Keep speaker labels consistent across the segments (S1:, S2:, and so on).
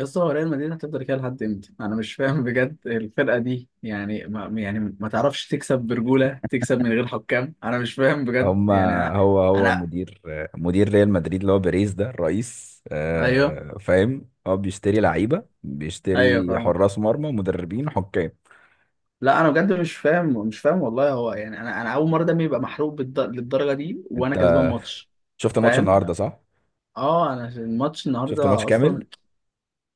S1: يا اسطى، هو ريال مدريد هتفضل كده لحد امتى؟ انا مش فاهم بجد. الفرقه دي يعني ما تعرفش تكسب برجوله، تكسب من غير حكام. انا مش فاهم بجد.
S2: هم
S1: يعني انا
S2: هو
S1: انا
S2: مدير ريال مدريد اللي هو بيريز ده الرئيس،
S1: ايوه
S2: فاهم. هو بيشتري لعيبه
S1: ايوه
S2: بيشتري
S1: فاهمك.
S2: حراس مرمى مدربين حكام.
S1: لا، انا بجد مش فاهم، مش فاهم والله. هو يعني انا اول مره دمي يبقى محروق للدرجه دي وانا كسبان
S2: انت
S1: ماتش.
S2: شفت الماتش
S1: فاهم؟
S2: النهارده صح؟
S1: اه، انا الماتش
S2: شفت الماتش
S1: النهارده
S2: كامل؟
S1: اصلا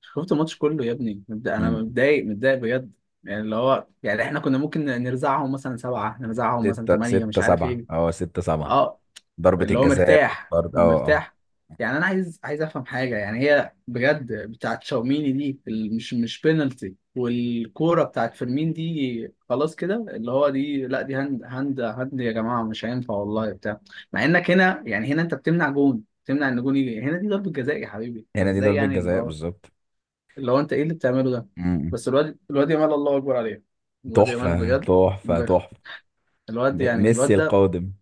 S1: شفت الماتش كله. يا ابني انا
S2: امم
S1: متضايق، متضايق بجد. يعني اللي هو، يعني احنا كنا ممكن نرزعهم مثلا سبعه، نرزعهم مثلا
S2: ستة
S1: ثمانيه،
S2: ستة
S1: مش عارف
S2: سبعة
S1: ايه.
S2: اه ستة سبعة.
S1: اه،
S2: ضربة
S1: اللي هو
S2: الجزاء
S1: مرتاح،
S2: والطرد اه اه.
S1: مرتاح. يعني انا عايز افهم حاجه. يعني هي بجد بتاعت شاوميني دي، مش بينالتي، والكوره بتاعت فيرمين دي خلاص كده، اللي هو دي لا، دي هاند، هاند، هاند يا جماعه. مش هينفع والله بتاع. مع انك هنا يعني، هنا انت بتمنع جون، بتمنع ان جون يجي هنا. دي ضربه جزاء يا حبيبي،
S2: هنا دي
S1: فازاي
S2: ضربة
S1: يعني اللي
S2: جزاء
S1: هو،
S2: بالظبط.
S1: اللي هو انت ايه اللي بتعمله ده؟
S2: امم
S1: بس الواد، يامال الله اكبر عليه. الواد يامال
S2: تحفة
S1: بجد.
S2: تحفة تحفة.
S1: الواد يعني
S2: ميسي
S1: الواد ده
S2: القادم.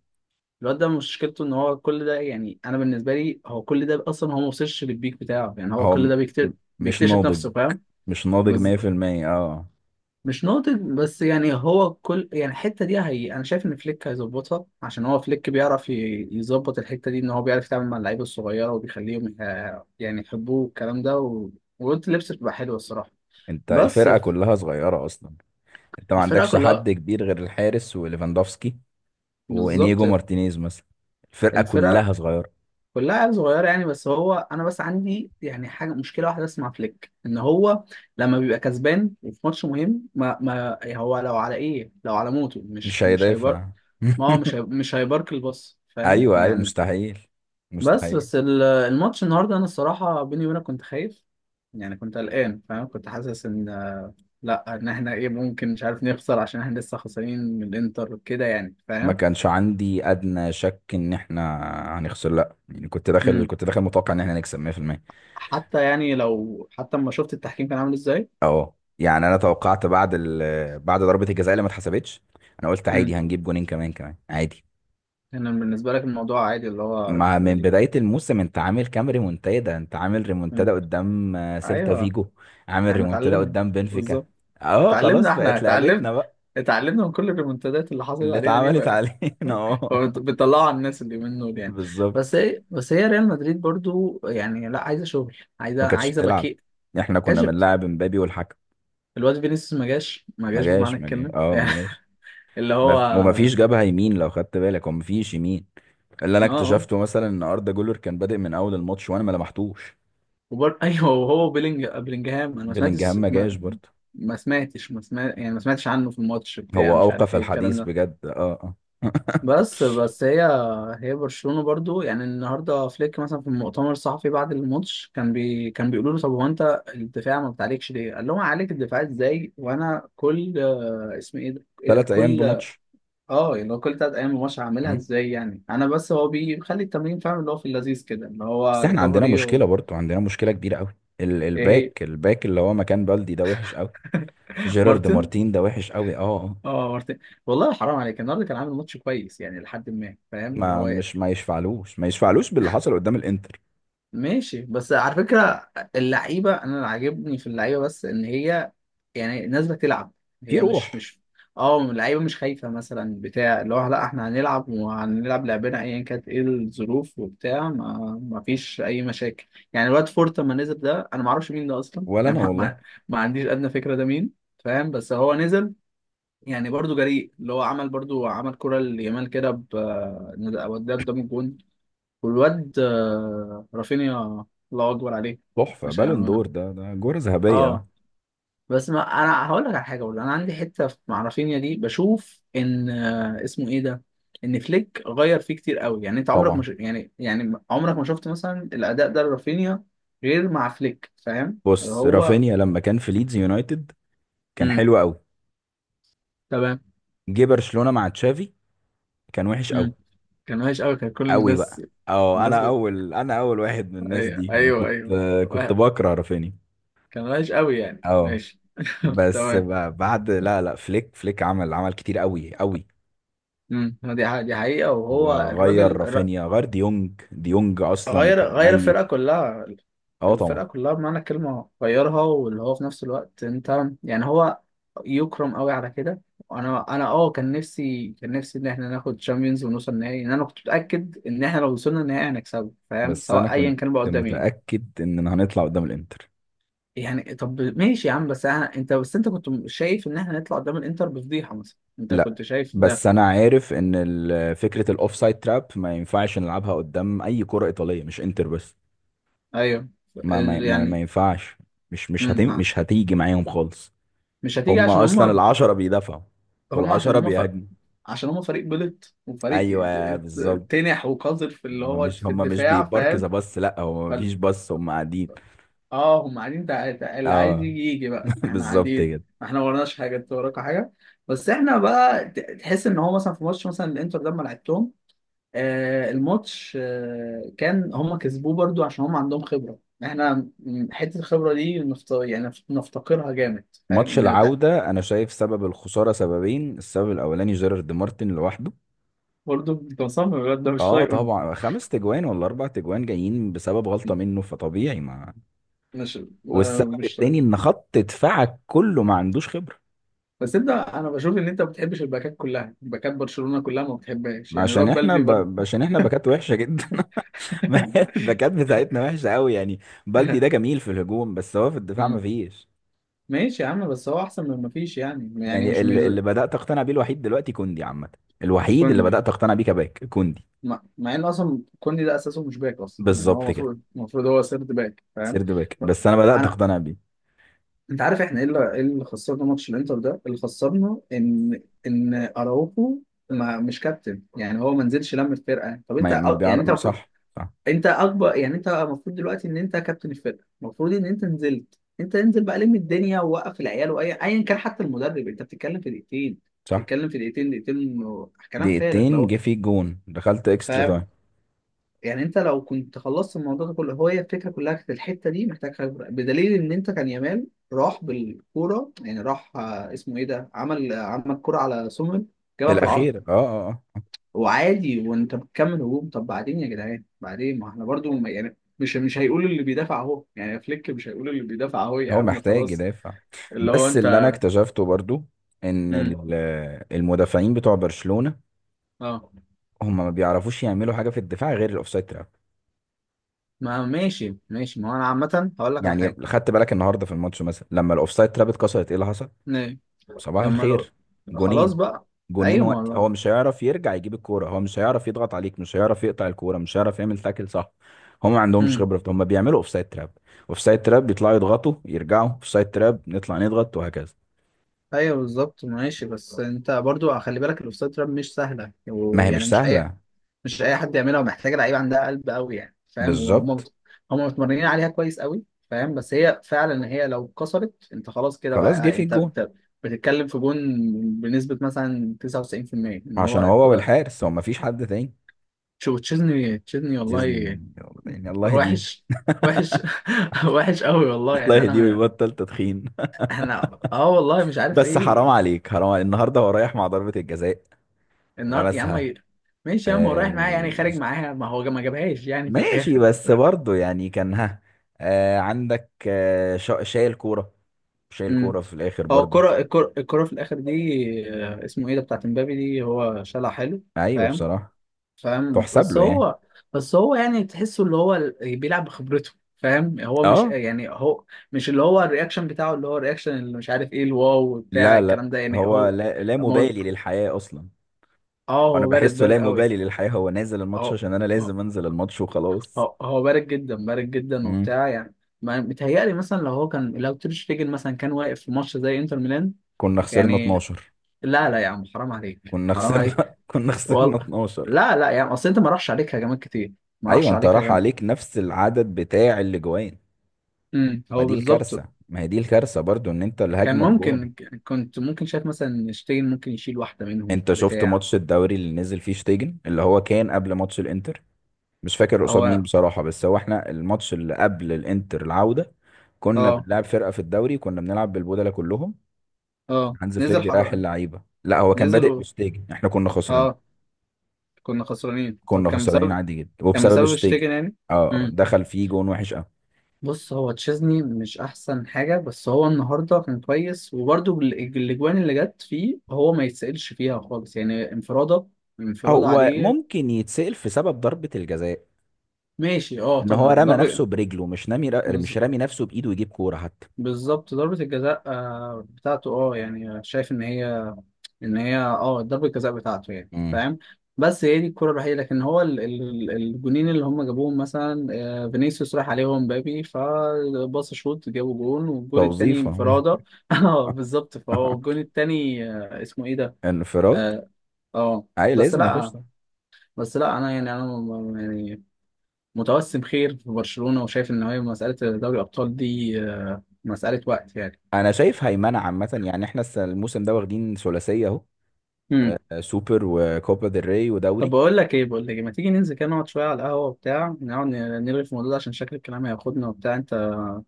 S1: مشكلته ان هو كل ده، يعني انا بالنسبه لي، هو كل ده اصلا هو ما وصلش للبيك بتاعه. يعني هو
S2: هو
S1: كل ده
S2: م- مش
S1: بيكتشف
S2: ناضج،
S1: نفسه، فاهم؟
S2: مش ناضج
S1: بز...
S2: 100%. اه
S1: مش ناضج. بس يعني هو كل، يعني الحته دي، هي انا شايف ان فليك هيظبطها، عشان هو فليك بيعرف يظبط الحته دي. ان هو بيعرف يتعامل مع اللعيبه الصغيره وبيخليهم يعني يحبوه، والكلام ده وقلت لبس بتبقى حلوه الصراحه.
S2: انت
S1: بس
S2: الفرقة كلها صغيرة اصلا. انت ما
S1: الفرقه
S2: عندكش
S1: كلها،
S2: حد كبير غير الحارس وليفاندوفسكي
S1: بالظبط
S2: وانيجو مارتينيز مثلا. الفرقه
S1: الفرقه
S2: كلها صغيره.
S1: كلها عيال صغيرة يعني. بس هو أنا بس عندي يعني حاجة، مشكلة واحدة بس مع فليك، إن هو لما بيبقى كسبان وفي ماتش مهم، ما يعني هو لو على إيه، لو على موته
S2: مش
S1: مش هيبر.
S2: هيدافع.
S1: ما هو مش هيبارك الباص، فاهم
S2: ايوه، ايوه
S1: يعني؟
S2: مستحيل،
S1: بس
S2: مستحيل.
S1: بس الماتش النهاردة أنا الصراحة بيني وبينك كنت خايف. يعني كنت قلقان فاهم، كنت حاسس إن، لأ، إن إحنا إيه، ممكن مش عارف نخسر عشان إحنا لسه خسرانين من الإنتر كده، يعني
S2: ما
S1: فاهم.
S2: كانش عندي ادنى شك ان احنا هنخسر. لا يعني كنت داخل
S1: مم.
S2: كنت داخل متوقع ان احنا نكسب 100%.
S1: حتى يعني لو، حتى لما شفت التحكيم كان عامل إزاي.
S2: اه يعني انا توقعت بعد بعد ضربة الجزاء اللي ما اتحسبتش. انا قلت عادي
S1: إمم.
S2: هنجيب جونين كمان كمان عادي.
S1: انا بالنسبه لك الموضوع عادي، اللي هو
S2: مع من بداية الموسم انت عامل كام ريمونتادا؟ انت عامل ريمونتادا
S1: مم.
S2: قدام سيلتا
S1: ايوه،
S2: فيجو، عامل
S1: احنا
S2: ريمونتادا
S1: اتعلمنا،
S2: قدام بنفيكا.
S1: بالظبط.
S2: اه خلاص
S1: اتعلمنا، احنا
S2: بقت
S1: اتعلمنا
S2: لعبتنا بقى.
S1: اتعلمنا من كل الريمونتادات اللي حصلت
S2: اللي
S1: علينا دي
S2: اتعملت
S1: بقى.
S2: علينا اه
S1: هو بتطلعوا على الناس اللي منه يعني. بس
S2: بالظبط.
S1: هي، ريال مدريد برضو يعني لا، عايزه شغل، عايزه
S2: ما كانتش
S1: عايزه
S2: بتلعب،
S1: باكيت،
S2: احنا كنا
S1: كشفت.
S2: بنلعب مبابي والحكم.
S1: الواد فينيسيوس ما جاش، ما
S2: ما
S1: جاش بمعنى
S2: جاش ما جاش
S1: الكلمه
S2: اه
S1: يعني،
S2: ما جاش.
S1: اللي هو
S2: وما فيش
S1: اه.
S2: جبهة يمين لو خدت بالك، وما فيش يمين. اللي انا
S1: آه.
S2: اكتشفته مثلا ان اردا جولر كان بادئ من اول الماتش وانا ما لمحتوش.
S1: ايوه، وهو بلينجهام انا ما
S2: بلينجهام
S1: سمعتش
S2: ما جاش برضه.
S1: ما سمعتش، ما سمعت يعني، ما سمعتش عنه في الماتش بتاع
S2: هو
S1: مش عارف
S2: اوقف
S1: ايه الكلام
S2: الحديث
S1: ده.
S2: بجد اه اه.
S1: بس هي برشلونة برضو يعني، النهارده فليك مثلا في المؤتمر الصحفي بعد الماتش، كان بيقولوا له طب هو انت الدفاع ما بتعليكش ليه؟ قال لهم عليك الدفاع ازاي، وانا كل اسم ايه ده؟
S2: 3 ايام
S1: كل،
S2: بماتش.
S1: اه اللي هو كل 3 ايام الماتش، هعملها
S2: مم.
S1: ازاي يعني؟ انا بس هو بيخلي التمرين فاهم، اللي هو في اللذيذ كده، اللي هو
S2: بس احنا عندنا
S1: ريكفري
S2: مشكله برضو، عندنا مشكله كبيره قوي،
S1: ايه هي.
S2: الباك اللي هو مكان بلدي ده وحش قوي. جيرارد
S1: مارتن،
S2: مارتين ده وحش قوي اه آه.
S1: اه مارتن، والله حرام عليك، النهارده كان عامل ماتش كويس يعني لحد ما، فاهم اللي هو.
S2: ما يشفعلوش باللي حصل قدام الانتر.
S1: ماشي، بس على فكره، اللعيبه، انا اللي عاجبني في اللعيبه بس ان هي يعني نازله تلعب،
S2: في
S1: هي مش
S2: روح.
S1: مش اه، اللعيبه مش خايفه مثلا بتاع، اللي هو لا، احنا هنلعب وهنلعب لعبنا، ايا كانت ايه الظروف وبتاع ما فيش اي مشاكل. يعني الواد فورت لما نزل ده، انا ما اعرفش مين ده اصلا
S2: ولا انا
S1: يعني
S2: والله.
S1: ما عنديش ادنى فكره ده مين، فاهم. بس هو نزل، يعني برضو جريء، اللي هو عمل برضو عمل كرة ليامال كده ب، الواد ده قدام الجون. والواد رافينيا، الله أكبر عليه.
S2: تحفه،
S1: مش
S2: بالون دور
S1: عم-
S2: ده جوره ذهبيه ده.
S1: اه، بس ما انا هقول لك على حاجه برضه، انا عندي حته مع رافينيا دي بشوف ان اسمه ايه ده، ان فليك غير فيه كتير قوي. يعني انت عمرك
S2: طبعا.
S1: مش، يعني عمرك ما شفت مثلا الاداء ده لرافينيا غير مع فليك، فاهم اللي
S2: بص
S1: هو.
S2: رافينيا لما كان في ليدز يونايتد كان
S1: امم،
S2: حلو قوي.
S1: تمام.
S2: جه برشلونه مع تشافي كان وحش قوي،
S1: امم، كان وحش قوي، كان كل
S2: قوي
S1: الناس،
S2: بقى. اه
S1: الناس
S2: انا اول واحد من الناس
S1: ايوه
S2: دي، انا
S1: ايوه
S2: كنت.
S1: ايوه
S2: كنت
S1: واحد.
S2: بكره رافينيا
S1: كان وحش قوي يعني،
S2: اه.
S1: ماشي
S2: بس
S1: تمام.
S2: بعد لا لا فليك عمل كتير قوي قوي.
S1: امم، دي حقيقة. وهو
S2: هو غير
S1: الراجل
S2: رافينيا، غير ديونج اصلا
S1: غير
S2: كان
S1: غير
S2: ميت.
S1: الفرقة كلها.
S2: اه
S1: الفرقة
S2: طبعا.
S1: كلها بمعنى الكلمة غيرها. واللي هو في نفس الوقت انت يعني، هو يكرم قوي على كده. وانا اه، كان نفسي ان احنا ناخد تشامبيونز ونوصل نهائي. ان انا كنت متأكد ان احنا لو وصلنا النهائي هنكسبه، فاهم،
S2: بس انا
S1: سواء ايا
S2: كنت
S1: كان بقى قدام مين.
S2: متأكد اننا هنطلع قدام الانتر.
S1: يعني طب ماشي يا عم، انت بس، انت كنت شايف ان احنا نطلع قدام الانتر بفضيحه مثلا؟ انت
S2: لا
S1: كنت شايف ده؟
S2: بس انا عارف ان فكرة الاوف سايد تراب ما ينفعش نلعبها قدام اي كرة ايطالية، مش انتر بس.
S1: ايوه.
S2: ما
S1: يعني
S2: ينفعش.
S1: مم. ها.
S2: مش هتيجي معاهم خالص.
S1: مش هتيجي
S2: هم
S1: عشان
S2: اصلا
S1: هم،
S2: العشرة بيدافعوا
S1: هم عشان
S2: والعشرة بيهاجموا.
S1: عشان هم فريق بلط، وفريق
S2: ايوه بالظبط.
S1: تنح وقذر في اللي
S2: هما
S1: هو
S2: مش
S1: في
S2: هما مش
S1: الدفاع، فاهم.
S2: بيباركزا بس، لا هو
S1: فال...
S2: مفيش بس هما قاعدين.
S1: اه، هم قاعدين اللي عايز
S2: اه
S1: يجي يجي بقى، احنا
S2: بالظبط
S1: قاعدين.
S2: كده.
S1: احنا ما وراناش حاجه، انت وراك حاجه. بس احنا بقى تحس ان هو مثلا في ماتش مثلا الانتر ده ما لعبتهم. الماتش كان هما كسبوه برضو عشان هما عندهم خبرة، احنا حتة الخبرة دي يعني نفتقرها جامد، فاهم،
S2: ماتش
S1: إن
S2: العودة انا شايف سبب الخسارة سببين. السبب الاولاني جيرارد مارتن لوحده.
S1: برضو. انت مصمم الواد ده مش
S2: اه
S1: طايقه أنت.
S2: طبعا خمس تجوان ولا اربع تجوان جايين بسبب غلطة منه، فطبيعي ما.
S1: مش
S2: والسبب
S1: مش طايقه.
S2: التاني ان خط دفاعك كله ما عندوش خبرة.
S1: بس انت، انا بشوف ان انت ما بتحبش الباكات كلها، باكات برشلونة كلها ما بتحبهاش يعني، الواد بلدي برضو.
S2: عشان احنا باكات وحشة جدا. ما هي الباكات بتاعتنا وحشة قوي يعني. بلدي ده جميل في الهجوم بس هو في الدفاع ما
S1: مم.
S2: فيش.
S1: ماشي يا عم، بس هو احسن من ما فيش يعني،
S2: يعني
S1: مش،
S2: اللي
S1: زي
S2: اللي بدأت أقتنع بيه الوحيد دلوقتي كوندي عامة. الوحيد اللي
S1: كوندي.
S2: بدأت أقتنع بيه كباك كوندي.
S1: مع، ان اصلا كوندي ده اساسه مش باك اصلا يعني،
S2: بالظبط
S1: هو
S2: كده.
S1: المفروض هو سيرد باك، فاهم.
S2: سيرد باك، بس أنا بدأت أقتنع بيه.
S1: انت عارف احنا ايه اللي، خسرنا ماتش الانتر ده؟ اللي خسرنا ان، ان اراوخو ما، مش كابتن، يعني هو ما نزلش لم الفرقه. طب انت
S2: ما
S1: يعني انت
S2: بيعرف.
S1: المفروض،
S2: صح، صح،
S1: انت اكبر، يعني انت المفروض دلوقتي ان انت كابتن الفرقه، المفروض ان انت نزلت، انت انزل بقى لم الدنيا ووقف العيال، واي ايا كان حتى المدرب. انت بتتكلم في دقيقتين،
S2: صح.
S1: بتتكلم في دقيقتين، دقيقتين كلام فارغ
S2: دقيقتين، جه
S1: لو
S2: في جون دخلت اكسترا تايم.
S1: فاهم يعني. انت لو كنت خلصت الموضوع ده كله، هو هي الفكره كلها كانت الحته دي محتاج خبره. بدليل ان انت كان يامال راح بالكوره، يعني راح اسمه ايه ده، عمل كوره على سومر جابها في العارضه
S2: الأخير اه اه اه.
S1: وعادي، وانت بتكمل هجوم. طب بعدين يا جدعان، بعدين ما احنا برضو يعني مش هيقول اللي بيدافع اهو، يعني فليك مش هيقول اللي بيدافع اهو، يا
S2: هو
S1: عم
S2: محتاج
S1: خلاص.
S2: يدافع.
S1: اللي هو
S2: بس
S1: انت.
S2: اللي أنا اكتشفته برضو إن
S1: امم.
S2: المدافعين بتوع برشلونة
S1: اه،
S2: هم ما بيعرفوش يعملوا حاجة في الدفاع غير الأوفسايد تراب.
S1: ما ماشي، ماشي، ما هو انا عامه هقول لك على
S2: يعني
S1: حاجه.
S2: خدت بالك النهارده في الماتش مثلا لما الأوفسايد تراب اتكسرت إيه اللي حصل؟
S1: ليه؟
S2: صباح
S1: لما لو،
S2: الخير.
S1: خلاص
S2: جونين
S1: بقى.
S2: جونين
S1: ايوه، ما
S2: وقت
S1: هو.
S2: هو مش هيعرف يرجع يجيب الكوره، هو مش هيعرف يضغط عليك، مش هيعرف يقطع الكوره، مش هيعرف يعمل تاكل صح. هم ما عندهمش خبره في ده. هم بيعملوا اوفسايد تراب اوفسايد تراب، بيطلعوا يضغطوا يرجعوا اوفسايد تراب، نطلع نضغط وهكذا.
S1: ايوه، بالظبط. ماشي، بس انت برضو خلي بالك، الاوفسايد تراب مش سهله،
S2: ما هي
S1: ويعني
S2: مش
S1: مش اي
S2: سهله.
S1: مش اي حد يعملها، ومحتاجه لعيبه عندها قلب قوي يعني، فاهم. وهم
S2: بالظبط
S1: هم متمرنين عليها كويس قوي فاهم. بس هي فعلا هي لو اتكسرت انت خلاص كده بقى،
S2: خلاص جه
S1: يعني
S2: في
S1: انت
S2: الجون.
S1: بتتكلم في جون بنسبه مثلا 99% ان هو
S2: عشان هو
S1: الكره.
S2: والحارس هو ما فيش حد تاني.
S1: شو، تشيزني، تشيزني والله،
S2: يزن- يعني الله يهديه.
S1: وحش، وحش. وحش قوي والله
S2: الله
S1: يعني.
S2: يهديه
S1: انا
S2: ويبطل تدخين.
S1: احنا اه، والله مش عارف
S2: بس حرام
S1: ايه.
S2: عليك، حرام عليك. النهارده هو رايح مع ضربه الجزاء
S1: النهار يا عم.
S2: لمسها.
S1: ماشي يا عم هو رايح معايا يعني،
S2: آه،
S1: خارج معاها، ما هو ما جابهاش يعني في
S2: ماشي
S1: الاخر.
S2: بس برضه يعني كان ها آه عندك شايل كورة. شايل
S1: امم،
S2: كورة في الآخر
S1: هو
S2: برضه.
S1: الكرة، الكرة، الكرة في الاخر دي، اسمه ايه ده، بتاعت امبابي دي هو شالها حلو،
S2: أيوه
S1: فاهم،
S2: بصراحة
S1: فاهم.
S2: تحسب
S1: بس
S2: له يعني
S1: هو بس هو يعني تحسه اللي هو بيلعب بخبرته، فاهم. هو مش
S2: اه.
S1: يعني هو مش اللي هو الرياكشن بتاعه، اللي هو الرياكشن اللي مش عارف ايه الواو بتاع
S2: لا لا
S1: الكلام ده يعني.
S2: هو
S1: هو
S2: لا
S1: مو-
S2: مبالي للحياة أصلا.
S1: اه،
S2: وأنا
S1: هو بارد،
S2: بحسه
S1: بارد
S2: لا
S1: قوي.
S2: مبالي للحياة. هو نازل الماتش
S1: اه،
S2: عشان أنا لازم أنزل الماتش وخلاص.
S1: هو بارد جدا، بارد جدا
S2: مم.
S1: وبتاع يعني. ما متهيألي مثلا لو هو كان، لو تير شتيجن مثلا كان واقف في ماتش زي انتر ميلان
S2: كنا خسرنا
S1: يعني،
S2: 12.
S1: لا لا يا عم حرام عليك،
S2: كنا
S1: حرام
S2: خسرنا
S1: عليك.
S2: كنا خسرنا
S1: وال...
S2: 12.
S1: لا لا يا عم، اصل انت ما راحش عليك هجمات كتير، ما
S2: أيوه
S1: راحش
S2: أنت
S1: عليك
S2: راح
S1: هجمات.
S2: عليك نفس العدد بتاع الأجوان.
S1: امم،
S2: ما
S1: هو
S2: دي
S1: بالظبط.
S2: الكارثة، ما هي دي الكارثة برضه إن أنت
S1: كان
S2: الهجمة بجون.
S1: ممكن، كنت ممكن شايف مثلا ان شتيجن ممكن يشيل واحدة منهم
S2: انت شفت
S1: بتاع،
S2: ماتش الدوري اللي نزل فيه شتيجن اللي هو كان قبل ماتش الانتر. مش فاكر قصاد مين
S1: هو
S2: بصراحة، بس هو احنا الماتش اللي قبل الانتر العودة كنا
S1: اه
S2: بنلعب فرقة في الدوري، كنا بنلعب بالبودلة كلهم.
S1: اه
S2: هانز فليك
S1: نزل
S2: بيريح اللعيبة، لا هو كان
S1: نزل
S2: بادئ بشتيجن، احنا كنا خسرانين.
S1: اه، كنا خسرانين. طب
S2: كنا
S1: كان
S2: خسرانين
S1: بسبب،
S2: عادي جدا
S1: كان
S2: وبسبب
S1: بسبب
S2: شتيجن
S1: شتيجن يعني؟
S2: اه اه، دخل فيه جون وحش قوي.
S1: بص، هو تشيزني مش احسن حاجه، بس هو النهارده كان كويس، وبرده الاجوان اللي جت فيه هو ما يتسالش فيها خالص يعني، انفراده، انفراده
S2: هو
S1: عليه.
S2: ممكن يتسأل في سبب ضربة الجزاء
S1: ماشي اه
S2: ان هو
S1: طبعا،
S2: رمى نفسه
S1: ضربه،
S2: برجله مش نامي، مش
S1: بز-
S2: رامي نفسه بإيده يجيب كورة حتى.
S1: بالظبط ضربه الجزاء بتاعته اه، يعني شايف ان هي، ان هي اه ضربة الجزاء بتاعته يعني،
S2: امم
S1: فاهم. بس هي دي الكرة الوحيدة، لكن هو الجونين اللي هم جابوهم مثلا، فينيسيوس راح عليهم، مبابي فباص شوت جابوا جون، والجون التاني
S2: توظيفة.
S1: انفرادة. اه بالظبط، فهو الجون التاني اسمه ايه ده،
S2: انفراد.
S1: اه. آه.
S2: اي
S1: بس
S2: لازم يخش
S1: لا
S2: طبعا.
S1: بس لا انا يعني انا يعني متوسم خير في برشلونة، وشايف ان هي مسألة دوري الابطال دي مسألة وقت يعني.
S2: انا شايف هيمنه عامه يعني احنا الموسم ده واخدين ثلاثيه اهو. سوبر وكوبا ديل ري
S1: طب
S2: ودوري.
S1: بقول لك ايه، بقول لك إيه، ما تيجي ننزل كده نقعد شويه على القهوه، وبتاع نقعد نرغي في الموضوع ده عشان شكل الكلام هياخدنا، وبتاع. انت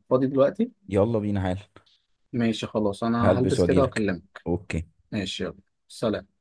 S1: فاضي دلوقتي؟
S2: يلا بينا حال.
S1: ماشي خلاص، انا
S2: هلبس
S1: هلبس كده
S2: واجيلك.
S1: واكلمك.
S2: اوكي.
S1: ماشي، يلا. سلام.